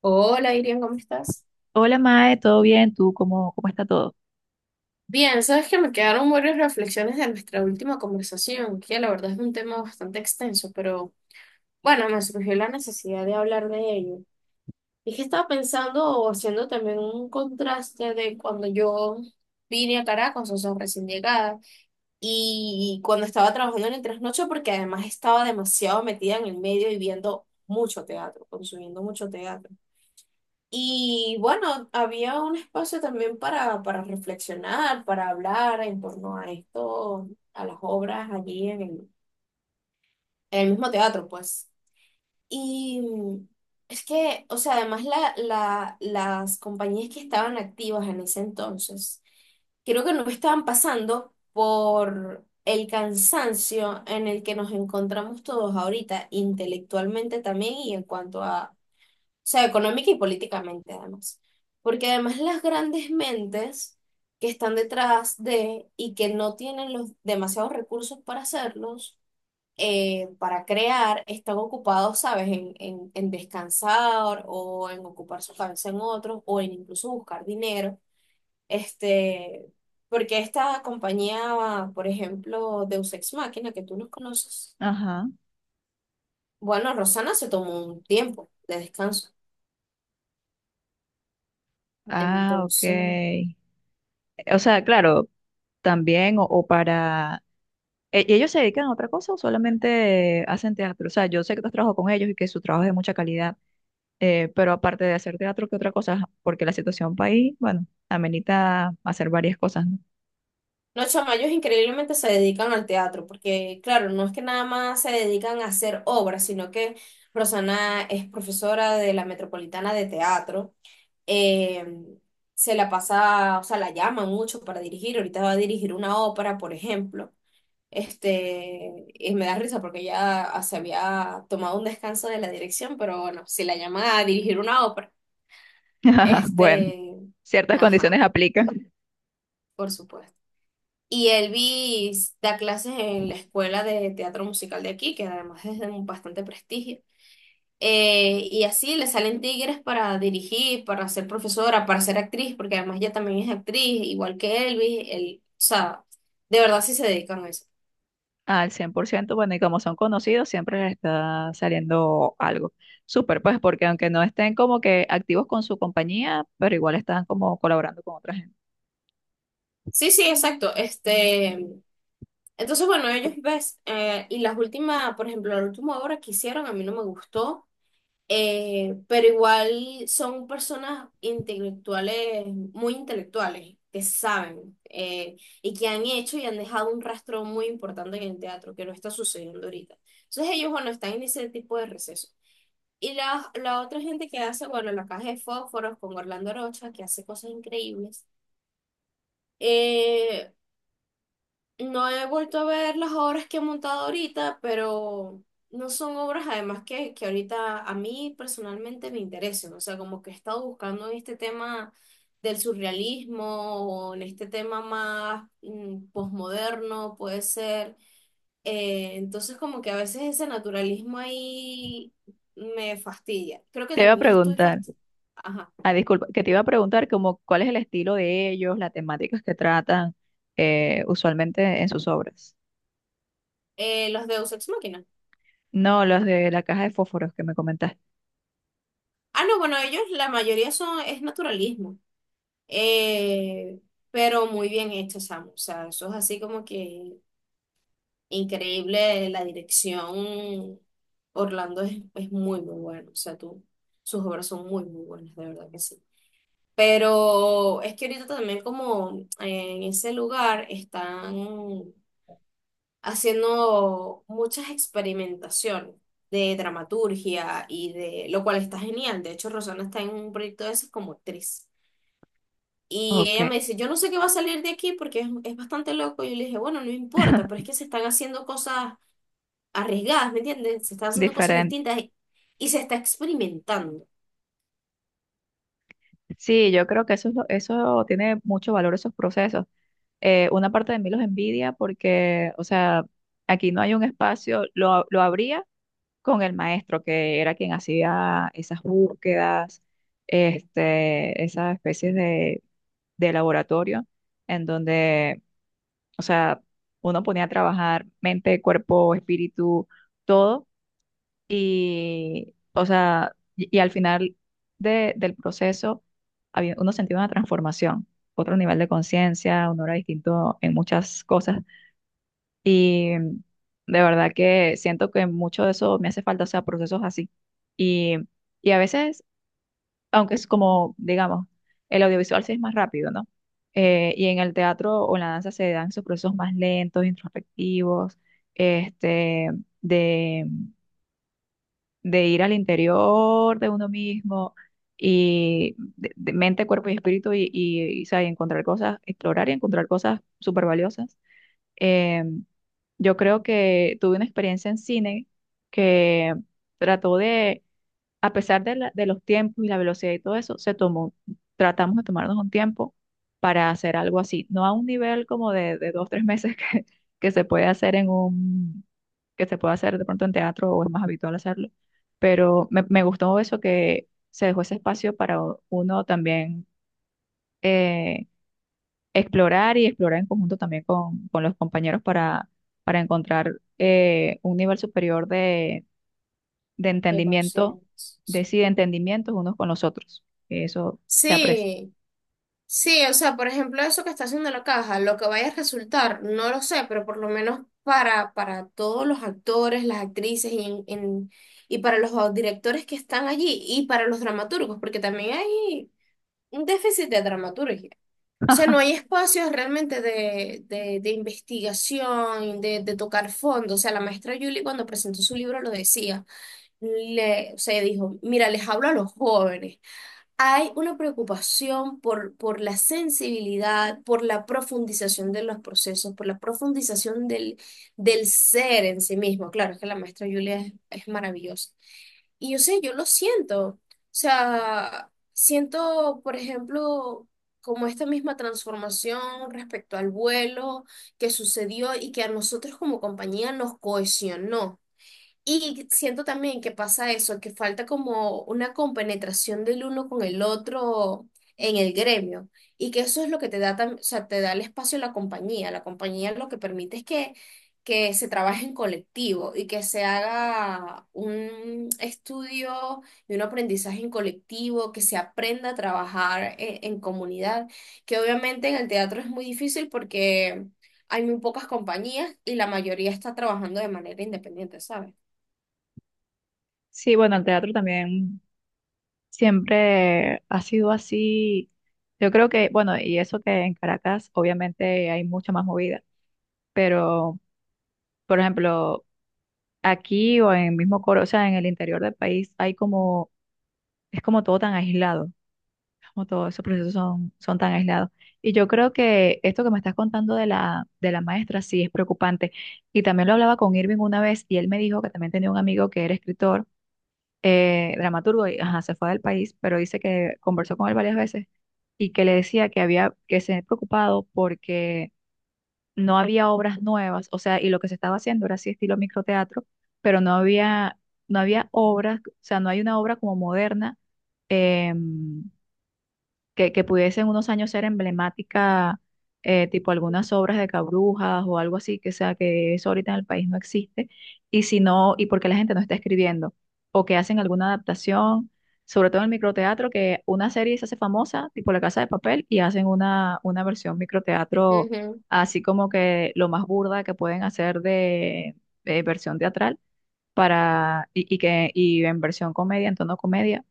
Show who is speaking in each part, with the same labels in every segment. Speaker 1: Hola, Irian, ¿cómo estás?
Speaker 2: Hola Mae, ¿todo bien? ¿Tú cómo está todo?
Speaker 1: Bien, sabes que me quedaron varias reflexiones de nuestra última conversación, que la verdad es un tema bastante extenso, pero bueno, me surgió la necesidad de hablar de ello. Y que estaba pensando o haciendo también un contraste de cuando yo vine a Caracas, o sea, recién llegada, y cuando estaba trabajando en el trasnocho, porque además estaba demasiado metida en el medio y viendo mucho teatro, consumiendo mucho teatro. Y bueno, había un espacio también para reflexionar, para hablar en torno a esto, a las obras allí en en el mismo teatro, pues. Y mm, es que, o sea, además las compañías que estaban activas en ese entonces, creo que no estaban pasando por el cansancio en el que nos encontramos todos ahorita, intelectualmente también y en cuanto a sea, económica y políticamente además. Porque además las grandes mentes que están detrás de y que no tienen los demasiados recursos para hacerlos, para crear, están ocupados, ¿sabes?, en descansar o en ocupar su cabeza en otros o en incluso buscar dinero. Este, porque esta compañía, por ejemplo, Deus Ex Machina, que tú nos conoces,
Speaker 2: Ajá.
Speaker 1: bueno, Rosana se tomó un tiempo de descanso.
Speaker 2: Ah,
Speaker 1: Entonces...
Speaker 2: ok. O sea, claro, también o para... ¿¿Ellos se dedican a otra cosa o solamente hacen teatro? O sea, yo sé que tú has trabajado con ellos y que su trabajo es de mucha calidad, pero aparte de hacer teatro, ¿qué otra cosa? Porque la situación país, bueno, amenita hacer varias cosas, ¿no?
Speaker 1: No, chama, ellos increíblemente se dedican al teatro, porque claro, no es que nada más se dedican a hacer obras, sino que Rosana es profesora de la Metropolitana de Teatro. eh, Se la pasa, o sea, la llaman mucho para dirigir. Ahorita va a dirigir una ópera, por ejemplo. Este, y me da risa porque ella se había tomado un descanso de la dirección, pero bueno, si la llaman a dirigir una ópera,
Speaker 2: Bueno,
Speaker 1: este,
Speaker 2: ciertas condiciones
Speaker 1: ajá,
Speaker 2: aplican.
Speaker 1: por supuesto. Y Elvis da clases en la escuela de teatro musical de aquí, que además es de un bastante prestigio. Y así le salen tigres para dirigir, para ser profesora, para ser actriz, porque además ella también es actriz, igual que Elvis. Él, o sea, de verdad sí se dedican a eso.
Speaker 2: Al cien por ciento, bueno, y como son conocidos, siempre les está saliendo algo. Súper, pues, porque aunque no estén como que activos con su compañía, pero igual están como colaborando con otra gente.
Speaker 1: Sí, sí, exacto. Este, entonces, bueno, ellos ves, y las últimas, por ejemplo, la última obra que hicieron a mí no me gustó. Pero igual son personas intelectuales, muy intelectuales, que saben y que han hecho y han dejado un rastro muy importante en el teatro, que no está sucediendo ahorita. Entonces ellos, bueno, están en ese tipo de receso. Y la otra gente que hace, bueno, la caja de fósforos con Orlando Rocha, que hace cosas increíbles. Eh, no he vuelto a ver las obras que he montado ahorita, pero no son obras además que ahorita a mí personalmente me interesen. O sea, como que he estado buscando en este tema del surrealismo o en este tema más posmoderno, puede ser. Entonces como que a veces ese naturalismo ahí me fastidia. Creo que
Speaker 2: Te iba a
Speaker 1: también estoy
Speaker 2: preguntar,
Speaker 1: fastidiada. Ajá.
Speaker 2: ah, disculpa, que te iba a preguntar como cuál es el estilo de ellos, las temáticas que tratan usualmente en sus obras.
Speaker 1: Los Deus Ex Machina.
Speaker 2: No, los de la caja de fósforos que me comentaste.
Speaker 1: Ah, no, bueno, ellos la mayoría son, es naturalismo. Eh, pero muy bien hecho, Sam. O sea, eso es así como que increíble. La dirección Orlando es muy, muy bueno. O sea, tú, sus obras son muy, muy buenas, de verdad que sí. Pero es que ahorita también como en ese lugar están haciendo muchas experimentaciones de dramaturgia y de, lo cual está genial. De hecho, Rosana está en un proyecto de esas como actriz. Y
Speaker 2: Ok,
Speaker 1: ella me dice, yo no sé qué va a salir de aquí porque es bastante loco. Y yo le dije, bueno, no importa, pero es que se están haciendo cosas arriesgadas, ¿me entiendes? Se están haciendo cosas
Speaker 2: diferente.
Speaker 1: distintas y se está experimentando.
Speaker 2: Sí, yo creo que eso, eso tiene mucho valor, esos procesos, una parte de mí los envidia porque, o sea, aquí no hay un espacio, lo abría con el maestro, que era quien hacía esas búsquedas, este, esas especies de laboratorio, en donde, o sea, uno ponía a trabajar mente, cuerpo, espíritu, todo, y, o sea, y al final del proceso, había, uno sentía una transformación, otro nivel de conciencia, uno era distinto en muchas cosas y de verdad que siento que mucho de eso me hace falta, o sea, procesos así. Y, y a veces, aunque es como, digamos, el audiovisual sí es más rápido, ¿no? Y en el teatro o en la danza se dan esos procesos más lentos, introspectivos, este, de, de ir al interior de uno mismo y de mente, cuerpo y espíritu y, o sea, y encontrar cosas, explorar y encontrar cosas súper valiosas. Yo creo que tuve una experiencia en cine que trató de, a pesar de, de los tiempos y la velocidad y todo eso, se tomó, tratamos de tomarnos un tiempo para hacer algo así, no a un nivel como de dos, tres meses que se puede hacer en un, que se puede hacer de pronto en teatro o es más habitual hacerlo, pero me gustó eso que se dejó ese espacio para uno también, eh, explorar y explorar en conjunto también con los compañeros para encontrar un nivel superior de
Speaker 1: De
Speaker 2: entendimiento, de
Speaker 1: conciencia.
Speaker 2: sí, de entendimientos unos con los otros. Eso se aprecia.
Speaker 1: Sí, sí, o sea, por ejemplo, eso que está haciendo la caja, lo que vaya a resultar, no lo sé, pero por lo menos para todos los actores, las actrices y, y para los directores que están allí y para los dramaturgos, porque también hay un déficit de dramaturgia. O sea, no hay espacios realmente de investigación, de tocar fondo. O sea, la maestra Julie cuando presentó su libro lo decía, le, o sea, dijo, mira, les hablo a los jóvenes, hay una preocupación por la sensibilidad, por la profundización de los procesos, por la profundización del ser en sí mismo. Claro, es que la maestra Julia es maravillosa. Y yo sé, yo lo siento. O sea, siento, por ejemplo, como esta misma transformación respecto al vuelo que sucedió y que a nosotros como compañía nos cohesionó. Y siento también que pasa eso, que falta como una compenetración del uno con el otro en el gremio. Y que eso es lo que te da, o sea, te da el espacio a la compañía. La compañía lo que permite es que se trabaje en colectivo y que se haga un estudio y un aprendizaje en colectivo, que se aprenda a trabajar en comunidad, que obviamente en el teatro es muy difícil porque hay muy pocas compañías y la mayoría está trabajando de manera independiente, ¿sabes?
Speaker 2: Sí, bueno, el teatro también siempre ha sido así. Yo creo que, bueno, y eso que en Caracas obviamente hay mucha más movida, pero por ejemplo, aquí o en el mismo Coro, o sea, en el interior del país hay como, es como todo tan aislado. Como todos esos procesos son, son tan aislados. Y yo creo que esto que me estás contando de de la maestra sí es preocupante. Y también lo hablaba con Irving una vez y él me dijo que también tenía un amigo que era escritor, dramaturgo, y ajá, se fue del país, pero dice que conversó con él varias veces y que le decía que había, que se había preocupado porque no había obras nuevas, o sea, y lo que se estaba haciendo era así estilo microteatro, pero no había, no había obras, o sea, no hay una obra como moderna. em, que pudiese en unos años ser emblemática, tipo algunas obras de Cabrujas o algo así, que sea que eso ahorita en el país no existe, y si no, y porque la gente no está escribiendo, o que hacen alguna adaptación, sobre todo en el microteatro, que una serie se hace famosa, tipo La Casa de Papel, y hacen una versión microteatro,
Speaker 1: Ujú.
Speaker 2: así como que lo más burda que pueden hacer de versión teatral. Para, y que y en versión comedia, en tono comedia,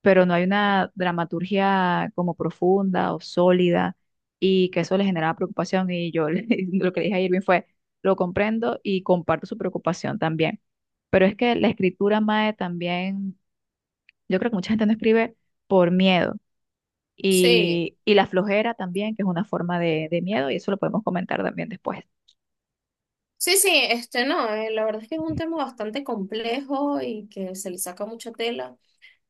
Speaker 2: pero no hay una dramaturgia como profunda o sólida y que eso le generaba preocupación y yo lo que le dije a Irving fue, lo comprendo y comparto su preocupación también. Pero es que la escritura, Mae, también, yo creo que mucha gente no escribe por miedo
Speaker 1: Sí,
Speaker 2: y la flojera también, que es una forma de miedo y eso lo podemos comentar también después.
Speaker 1: sí, sí, este no, la verdad es que es un tema bastante complejo y que se le saca mucha tela.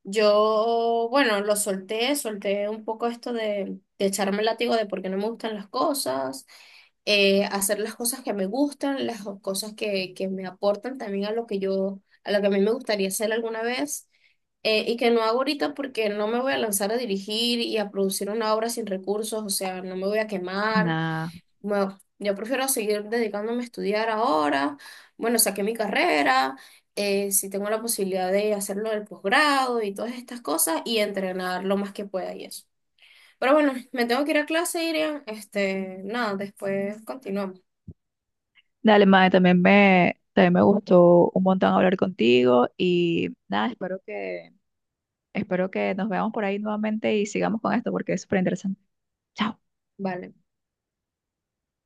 Speaker 1: Yo, bueno, lo solté, solté un poco esto de echarme el látigo de por qué no me gustan las cosas, hacer las cosas que me gustan, las cosas que me aportan también a lo que yo, a lo que a mí me gustaría hacer alguna vez. Y que no hago ahorita porque no me voy a lanzar a dirigir y a producir una obra sin recursos, o sea, no me voy a quemar.
Speaker 2: Nada.
Speaker 1: Bueno, yo prefiero seguir dedicándome a estudiar ahora. Bueno, saqué mi carrera, si tengo la posibilidad de hacerlo del posgrado y todas estas cosas y entrenar lo más que pueda y eso. Pero bueno, me tengo que ir a clase, Irian. Este, nada, después continuamos.
Speaker 2: Dale, Mae, también también me gustó un montón hablar contigo y nada, espero que espero que nos veamos por ahí nuevamente y sigamos con esto porque es súper interesante. Chao.
Speaker 1: Vale.